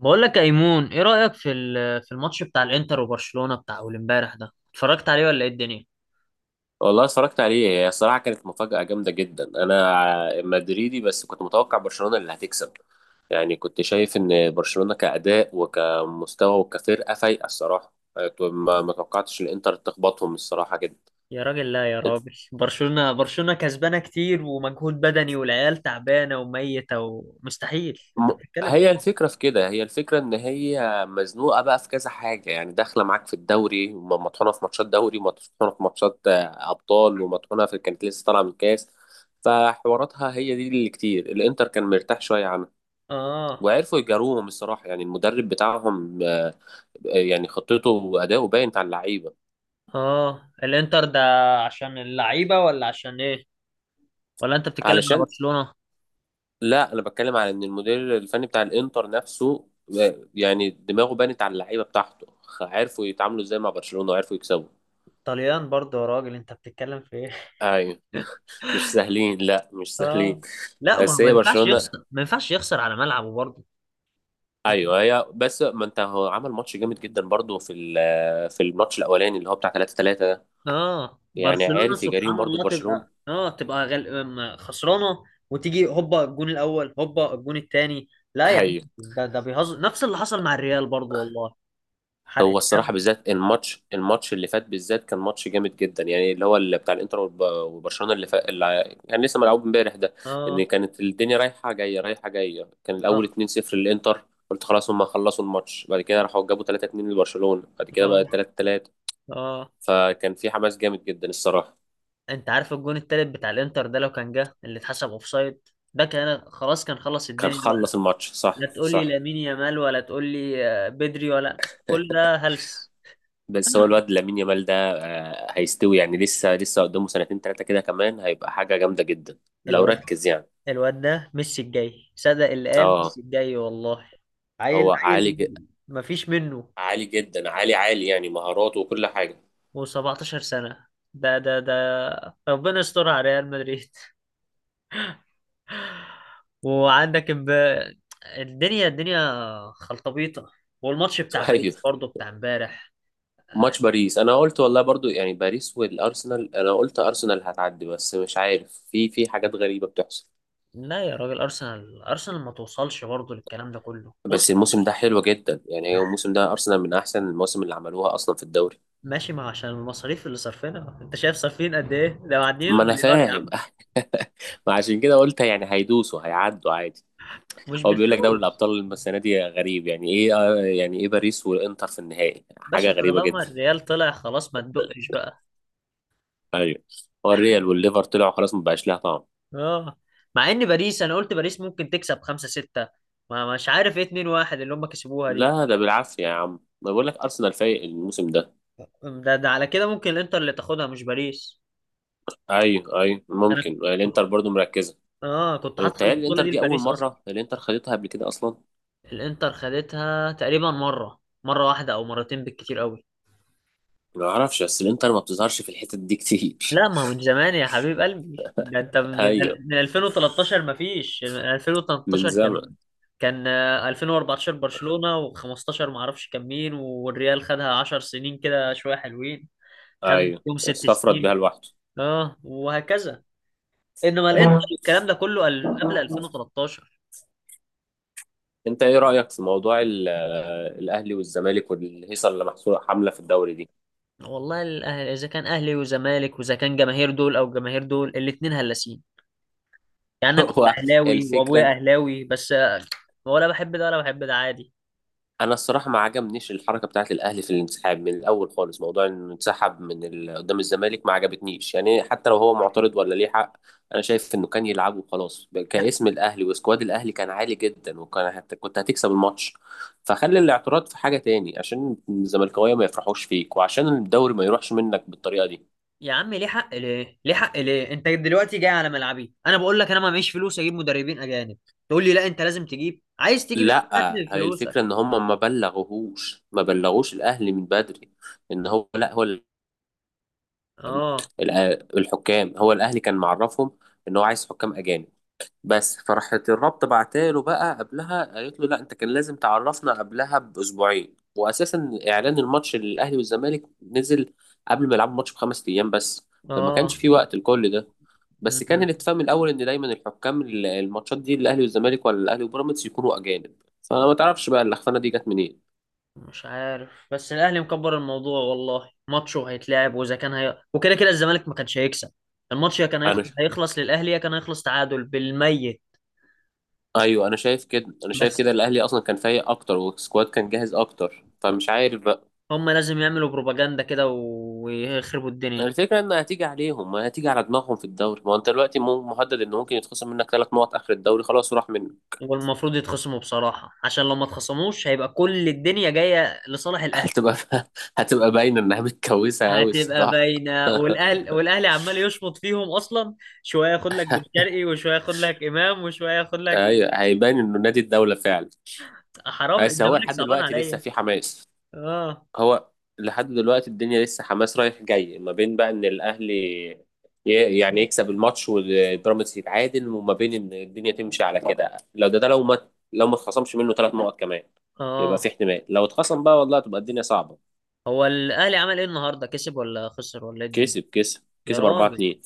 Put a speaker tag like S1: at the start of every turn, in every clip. S1: بقول لك يا ايمون ايه رأيك في الماتش بتاع الانتر وبرشلونة بتاع اول امبارح ده اتفرجت عليه ولا ايه الدنيا؟
S2: والله اتفرجت عليه. هي الصراحة كانت مفاجأة جامدة جدا. أنا مدريدي، بس كنت متوقع برشلونة اللي هتكسب. يعني كنت شايف إن برشلونة كأداء وكمستوى وكفرقة فايقة الصراحة، ما توقعتش الإنتر تخبطهم الصراحة جدا.
S1: يا راجل، لا يا راجل، برشلونة برشلونة كسبانة كتير ومجهود بدني والعيال تعبانة وميتة ومستحيل، انت بتتكلم في إيه؟
S2: هي الفكرة إن هي مزنوقة بقى في كذا حاجة. يعني داخلة معاك في الدوري، وم- مطحونة في ماتشات دوري، ومطحونة في ماتشات أبطال، ومطحونة في كانت لسه طالعة من كاس. فحواراتها هي دي اللي كتير الإنتر كان مرتاح شوية.
S1: اه.
S2: وعرفوا يجاروهم الصراحه. يعني المدرب بتاعهم يعني خطته واداؤه باين على اللعيبه.
S1: اه، الانتر ده، عشان اللعيبة ولا عشان ايه؟ ولا انت بتتكلم على
S2: علشان
S1: برشلونة؟
S2: لا، انا بتكلم على ان المدير الفني بتاع الانتر نفسه يعني دماغه بانت على اللعيبه بتاعته. عرفوا يتعاملوا ازاي مع برشلونه، وعرفوا يكسبوا.
S1: طليان برضه، يا راجل، انت بتتكلم في ايه؟
S2: ايوه، مش سهلين، لا مش سهلين.
S1: اه. لا ما هو
S2: بس
S1: ما
S2: هي
S1: ينفعش
S2: برشلونه.
S1: يخسر ما ينفعش يخسر على ملعبه برضه.
S2: ايوه هي، بس ما انت هو عمل ماتش جامد جدا برضو في الماتش الاولاني اللي هو بتاع 3-3 ده.
S1: اه،
S2: يعني
S1: برشلونة
S2: عارف يجاريهم
S1: سبحان
S2: برضو في
S1: الله
S2: برشلونه.
S1: تبقى خسرانة. وتيجي هوبا الجون الأول، هوبا الجون الثاني. لا يا عم،
S2: ايوه.
S1: ده بيهزر، نفس اللي حصل مع الريال برضو والله. حرق
S2: هو الصراحة
S1: الدم.
S2: بالذات الماتش اللي فات بالذات كان ماتش جامد جدا. يعني اللي هو اللي بتاع الانتر وبرشلونة اللي فات، كان لسه ملعوب امبارح ده. ان
S1: اه.
S2: كانت الدنيا رايحة جاية رايحة جاية. كان الاول
S1: اه.
S2: 2-0 للانتر، قلت خلاص هم خلصوا الماتش. بعد كده راحوا جابوا 3-2 لبرشلونة، بعد كده بقى
S1: اه.
S2: 3-3.
S1: اه.
S2: فكان في حماس جامد جدا الصراحة.
S1: انت عارف الجون التالت بتاع الانتر ده لو كان جه اللي اتحسب اوفسايد، ده كان خلاص، كان خلص
S2: كان
S1: الدنيا
S2: خلص
S1: بقى.
S2: الماتش، صح
S1: لا تقول لي
S2: صح.
S1: لامين يامال ولا تقول لي بدري ولا. كل ده هلس.
S2: بس هو الواد لامين يامال ده هيستوي يعني. لسه لسه قدامه سنتين ثلاثة كده كمان هيبقى حاجة جامدة جدا، لو
S1: الواد
S2: ركز يعني.
S1: الواد ده ميسي الجاي، صدق اللي قال
S2: اه،
S1: ميسي الجاي والله.
S2: هو
S1: عيل عيل،
S2: عالي،
S1: مفيش منه.
S2: عالي جدا، عالي عالي. يعني مهاراته وكل حاجه.
S1: و17 سنة، ده ربنا يستر على ريال مدريد. وعندك الدنيا الدنيا خلطبيطة. والماتش بتاع
S2: ايوه.
S1: باريس برضه بتاع امبارح.
S2: ماتش باريس انا قلت والله برضو، يعني باريس والارسنال انا قلت ارسنال هتعدي، بس مش عارف في حاجات غريبه بتحصل.
S1: لا يا راجل، ارسنال ما توصلش برضه، للكلام ده كله وصل.
S2: بس الموسم ده حلو جدا، يعني هو الموسم ده ارسنال من احسن المواسم اللي عملوها اصلا في الدوري.
S1: ماشي، ما عشان المصاريف اللي صرفينها، انت شايف صارفين قد ايه؟ ده معديين
S2: ما انا
S1: المليار يا
S2: فاهم.
S1: عم.
S2: ما عشان كده قلت يعني هيدوسوا هيعدوا عادي.
S1: مش
S2: هو بيقول لك دوري
S1: بالفلوس.
S2: الابطال السنه دي غريب، يعني ايه يعني ايه باريس والانتر في النهائي؟ حاجه
S1: باشا
S2: غريبه
S1: طالما
S2: جدا.
S1: الريال طلع خلاص ما تدقش بقى.
S2: ايوه. هو الريال والليفر طلعوا خلاص، ما بقاش لها طعم.
S1: اه. مع ان باريس انا قلت باريس ممكن تكسب 5-6. ما مش عارف ايه 2-1 اللي هم كسبوها دي.
S2: لا ده بالعافية يا عم، ما بقول لك أرسنال فايق الموسم ده.
S1: ده على كده ممكن الانتر اللي تاخدها مش باريس.
S2: أيوه أيوه، ممكن
S1: انا،
S2: الإنتر برضو مركزة.
S1: اه، كنت حاطط
S2: متهيألي
S1: البطوله
S2: الإنتر
S1: دي
S2: دي أول
S1: لباريس اصلا.
S2: مرة الإنتر خدتها قبل كده أصلا.
S1: الانتر خدتها تقريبا مره واحده او مرتين بالكتير قوي.
S2: ما أعرفش، بس الإنتر ما بتظهرش في الحتت دي كتير.
S1: لا ما هو من زمان يا حبيب قلبي، ده انت من
S2: أيوه،
S1: ال- من 2013، ما فيش
S2: من
S1: 2013.
S2: زمن.
S1: كان 2014 برشلونة، و15 ما اعرفش كان مين، والريال خدها 10 سنين كده شوية حلوين. خدت
S2: أيوه،
S1: فيهم ست
S2: استفرد بيها
S1: سنين
S2: لوحده.
S1: اه وهكذا. انما الانتر
S2: أيوه،
S1: الكلام ده كله قبل 2013.
S2: أنت إيه رأيك في موضوع الأهلي والزمالك والهيصة اللي محصورة حاملة في الدوري دي؟
S1: والله الاهلي اذا كان اهلي وزمالك واذا كان جماهير دول او جماهير دول الاتنين هلاسين. يعني انا كنت
S2: هو
S1: اهلاوي وابويا
S2: الفكرة.
S1: اهلاوي بس ولا بحب ده ولا بحب ده، عادي.
S2: انا الصراحه ما عجبنيش الحركه بتاعت الاهلي في الانسحاب من الاول خالص. موضوع انه انسحب قدام الزمالك ما عجبتنيش. يعني حتى لو هو معترض ولا ليه حق، انا شايف انه كان يلعبه خلاص.
S1: يا
S2: كاسم الاهلي وسكواد الاهلي كان عالي جدا، وكان كنت هتكسب الماتش. فخلي الاعتراض في حاجه تاني، عشان الزملكاويه ما يفرحوش فيك، وعشان الدوري ما يروحش منك بالطريقه دي.
S1: يا عم، ليه حق، ليه حق ليه، انت دلوقتي جاي على ملعبي؟ انا بقول لك انا ما معيش فلوس اجيب مدربين اجانب. تقول لي لا انت لازم تجيب، عايز تجيب؟ يا عم هات
S2: لا،
S1: لي
S2: هي
S1: فلوسك.
S2: الفكره ان هم ما بلغوش الاهلي من بدري. ان هو لا هو،
S1: اه.
S2: الحكام، هو الاهلي كان معرفهم ان هو عايز حكام اجانب. بس فراحت الرابطه بعتاله بقى قبلها قالت له لا، انت كان لازم تعرفنا قبلها باسبوعين. واساسا اعلان الماتش للاهلي والزمالك نزل قبل ما يلعبوا الماتش بخمس ايام بس. فما كانش
S1: اه.
S2: في وقت لكل ده.
S1: م-
S2: بس كان
S1: م.
S2: الاتفاق من الاول ان دايما الحكام الماتشات دي الاهلي والزمالك، ولا الاهلي وبيراميدز، يكونوا اجانب. فانا ما تعرفش بقى اللخفانه دي جت منين.
S1: مش عارف، بس الاهلي مكبر الموضوع والله، ماتشه هيتلعب، واذا كان وكده كده الزمالك ما كانش هيكسب الماتش، يا كان
S2: انا
S1: هيخلص للاهلي يا كان هيخلص تعادل بالميت.
S2: ايوه، انا شايف كده، انا شايف كده
S1: بس
S2: الاهلي اصلا كان فايق اكتر، والسكواد كان جاهز اكتر، فمش عارف بقى.
S1: هم لازم يعملوا بروباجندا كده ويخربوا الدنيا.
S2: الفكره ان هتيجي عليهم ما هتيجي على دماغهم في الدوري. ما هو انت دلوقتي مهدد ان ممكن يتخصم منك ثلاث نقط اخر الدوري، خلاص وراح منك.
S1: والمفروض يتخصموا بصراحة، عشان لو ما اتخصموش هيبقى كل الدنيا جاية لصالح الاهلي.
S2: هتبقى هتبقى باينه انها متكوسه قوي
S1: هتبقى
S2: الصراحه.
S1: باينة، والاهلي عمال يشمط فيهم اصلا. شوية ياخد لك بن شرقي، وشوية ياخد لك امام، وشوية ياخد لك.
S2: ايوه، هيبان انه نادي الدوله فعلا.
S1: حرام
S2: بس هو
S1: الزمالك
S2: لحد
S1: صعبان
S2: دلوقتي لسه
S1: عليا.
S2: في حماس.
S1: اه.
S2: هو لحد دلوقتي الدنيا لسه حماس رايح جاي، ما بين بقى ان الاهلي يعني يكسب الماتش والبيراميدز يتعادل، وما بين ان الدنيا تمشي على كده. لو ده ده لو ما لو ما اتخصمش منه ثلاث نقط كمان يبقى في
S1: اه.
S2: احتمال. لو اتخصم بقى والله تبقى الدنيا صعبه.
S1: هو الاهلي عمل ايه النهارده؟ كسب ولا خسر ولا ايه الدنيا؟
S2: كسب كسب
S1: يا
S2: كسب 4
S1: راجل.
S2: 2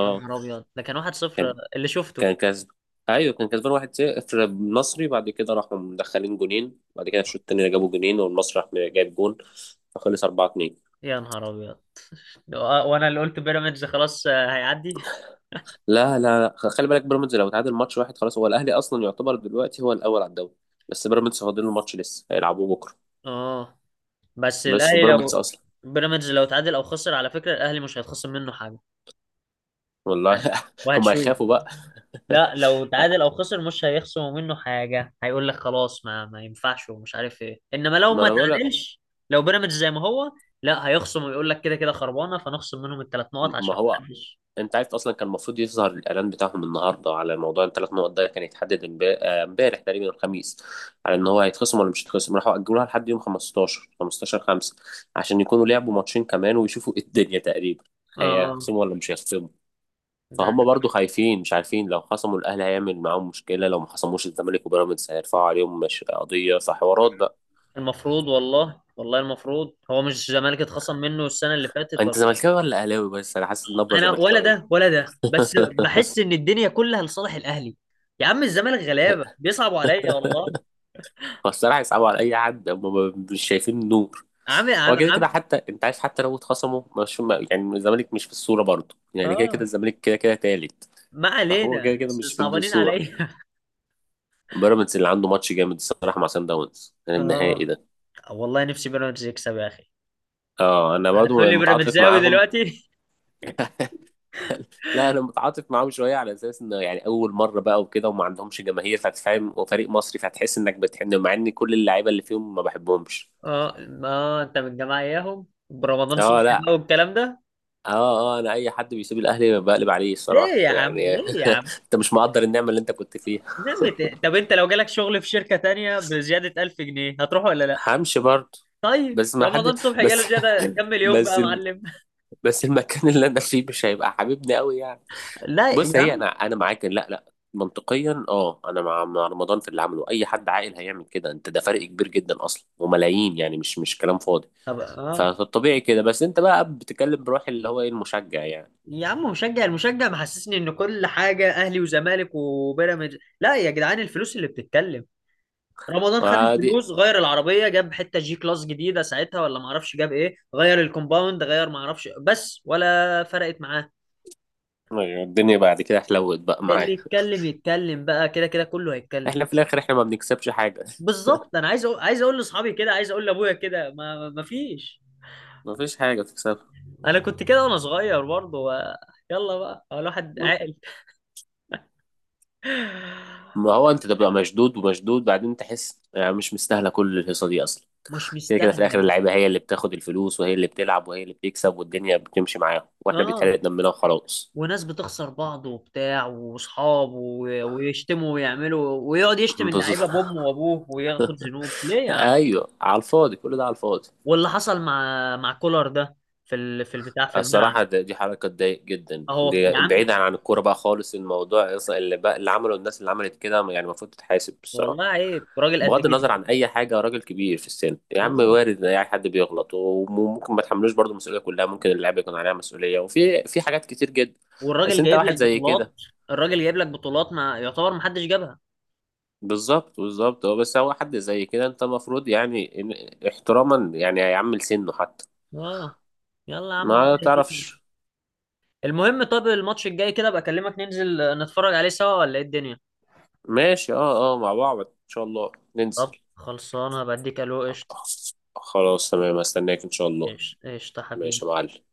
S1: يا نهار ابيض، ده كان 1-0
S2: كان
S1: اللي شفته.
S2: كان كسب. ايوه كان كسبان 1-0 النصري، بعد كده راحوا مدخلين جونين، بعد كده في الشوط الثاني جابوا جونين، والمصري راح جايب جون، فخلص 4.
S1: يا نهار ابيض، وانا اللي قلت بيراميدز خلاص هيعدي.
S2: لا لا لا. خلي بالك، بيراميدز لو تعادل ماتش واحد خلاص، هو الاهلي اصلا يعتبر دلوقتي هو الاول على الدوري. بس بيراميدز فاضل له ماتش لسه هيلعبوه بكره.
S1: اه، بس
S2: بس
S1: الاهلي
S2: وبيراميدز
S1: لو،
S2: اصلا،
S1: بيراميدز لو تعادل او خسر على فكره، الاهلي مش هيتخصم منه حاجه.
S2: والله هم
S1: وهتشوف.
S2: هيخافوا بقى.
S1: لا لو تعادل او خسر مش هيخصموا منه حاجه، هيقول لك خلاص ما ينفعش ومش عارف ايه، انما لو
S2: ما
S1: ما
S2: انا بقول لك.
S1: تعادلش لو بيراميدز زي ما هو، لا، هيخصم ويقول لك كده كده خربانه فنخصم منهم الثلاث نقط
S2: ما
S1: عشان ما
S2: هو
S1: حدش.
S2: انت عارف اصلا كان المفروض يظهر الاعلان بتاعهم النهارده على موضوع الثلاث نقط ده. كان يتحدد امبارح تقريبا الخميس، على ان هو هيتخصم ولا مش هيتخصم. راحوا اجلوها لحد يوم 15، 15/5، عشان يكونوا لعبوا ماتشين كمان ويشوفوا ايه الدنيا تقريبا،
S1: اه.
S2: هيخصموا ولا مش هيخصموا.
S1: ده
S2: فهم برضو خايفين مش عارفين. لو خصموا، الاهلي هيعمل معاهم مشكله. لو ما خصموش، الزمالك وبيراميدز هيرفعوا عليهم مش قضيه، فحوارات بقى.
S1: المفروض، والله والله المفروض. هو مش الزمالك اتخصم منه السنه اللي فاتت، ولا
S2: انت
S1: لا؟
S2: زملكاوي ولا اهلاوي؟ بس انا حاسس النبره
S1: انا ولا
S2: زملكاويه.
S1: ده ولا ده، بس بحس ان الدنيا كلها لصالح الاهلي. يا عم الزمالك غلابه بيصعبوا عليا والله.
S2: فالصراحه يصعبوا على اي حد هم، مش شايفين النور.
S1: عم
S2: هو
S1: عم
S2: كده كده.
S1: عم.
S2: حتى انت عارف حتى لو اتخصموا، مش يعني الزمالك مش في الصوره برضو، يعني كده كده
S1: اه،
S2: الزمالك كده كده تالت.
S1: ما
S2: فهو
S1: علينا،
S2: كده كده
S1: بس
S2: مش في
S1: صعبانين
S2: الصوره.
S1: عليا.
S2: بيراميدز اللي عنده ماتش جامد الصراحه مع سان داونز النهائي
S1: اه.
S2: ده.
S1: والله نفسي بيراميدز يكسب يا اخي.
S2: اه انا
S1: هتقول
S2: برضو
S1: لي
S2: متعاطف
S1: بيراميدزاوي
S2: معاهم.
S1: دلوقتي؟
S2: لا، انا متعاطف معاهم شويه على اساس انه يعني اول مره بقى وكده، وما عندهمش جماهير فتفهم، وفريق مصري فتحس انك بتحن، مع ان كل اللعيبه اللي فيهم ما بحبهمش.
S1: اه ما انت من الجماعه اياهم، برمضان
S2: اه،
S1: صبحي
S2: لا،
S1: بقى والكلام ده.
S2: اه اه، انا اي حد بيسيب الاهلي بقلب عليه
S1: ليه
S2: الصراحه
S1: يا عم؟
S2: يعني.
S1: ليه يا عم؟
S2: انت مش مقدر النعمه اللي انت كنت فيها.
S1: نمت. طب انت لو جالك شغل في شركه تانية بزياده 1000 جنيه هتروح ولا لا؟
S2: همشي برضه.
S1: طيب
S2: بس ما حد
S1: رمضان صبحي
S2: بس.
S1: جاله زياده كم مليون بقى
S2: بس
S1: يا
S2: الم-
S1: معلم؟
S2: بس المكان اللي انا فيه مش هيبقى حبيبني قوي يعني.
S1: لا يا
S2: بص، هي
S1: عم.
S2: انا معاك إن لا لا منطقيا. اه، انا مع رمضان في اللي عمله. اي حد عاقل هيعمل كده انت، ده فرق كبير جدا اصلا وملايين، يعني مش كلام فاضي.
S1: طب اه.
S2: فالطبيعي كده. بس انت بقى بتتكلم بروح اللي هو ايه المشجع يعني.
S1: يا عم المشجع محسسني ان كل حاجه اهلي وزمالك وبيراميدز، لا يا جدعان الفلوس اللي بتتكلم. رمضان خد
S2: وادي
S1: الفلوس غير العربيه، جاب حته جي كلاس جديده ساعتها ولا ما اعرفش، جاب ايه غير الكومباوند غير ما اعرفش، بس ولا فرقت معاه.
S2: أيوة، الدنيا بعد كده حلوت بقى معايا.
S1: اللي يتكلم يتكلم بقى، كده كده كله هيتكلم.
S2: احنا في الاخر احنا ما بنكسبش حاجه.
S1: بالظبط. انا عايز اقول لاصحابي كده، عايز اقول لابويا كده، ما فيش.
S2: ما فيش حاجه تكسبها.
S1: انا كنت كده وانا صغير برضه يلا بقى، هو الواحد عاقل.
S2: ما هو انت تبقى مشدود ومشدود، بعدين تحس يعني مش مستاهله كل الهيصه دي اصلا.
S1: مش
S2: كده كده في الاخر
S1: مستاهله.
S2: اللعيبه هي اللي بتاخد الفلوس، وهي اللي بتلعب وهي اللي بتكسب، والدنيا بتمشي معاهم، واحنا
S1: اه.
S2: بيتحرق دمنا وخلاص.
S1: وناس بتخسر بعض وبتاع واصحاب ويشتموا ويعملوا ويقعد يشتم
S2: بالظبط.
S1: اللعيبه بامه وابوه وياخد ذنوب، ليه يا عم؟
S2: ايوه، على الفاضي، كل ده على الفاضي.
S1: واللي حصل مع كولر ده في البتاع في الملعب.
S2: الصراحه دي حركه تضايق جدا.
S1: اهو
S2: دي
S1: يا عم.
S2: بعيدا عن الكوره بقى خالص، الموضوع اصلا اللي بقى اللي عمله الناس اللي عملت كده يعني المفروض تتحاسب الصراحه.
S1: والله عيب، راجل قد
S2: بغض النظر
S1: جدي.
S2: عن اي حاجه، راجل كبير في السن يا عم،
S1: اه.
S2: وارد ان اي حد بيغلط، وممكن ما تحملوش برضه المسؤوليه كلها. ممكن اللاعب يكون عليها مسؤوليه، وفي حاجات كتير جدا. بس
S1: والراجل
S2: انت
S1: جايب
S2: واحد
S1: لك
S2: زي
S1: بطولات.
S2: كده.
S1: الراجل جايب لك بطولات، ما يعتبر ما حدش جابها.
S2: بالظبط بالظبط، هو بس هو حد زي كده انت المفروض يعني احتراما يعني هيعمل سنه حتى.
S1: اه. يلا يا عم، الله
S2: ما
S1: يهديك.
S2: تعرفش.
S1: المهم، طب الماتش الجاي كده بكلمك، اكلمك، ننزل نتفرج عليه سوا ولا ايه الدنيا؟
S2: ماشي، اه اه، مع بعض ان شاء الله
S1: طب
S2: ننزل.
S1: خلصانه، بديك الو قشطه.
S2: خلاص تمام، استناك ان شاء الله.
S1: قشطه قشطة حبيبي.
S2: ماشي يا معلم.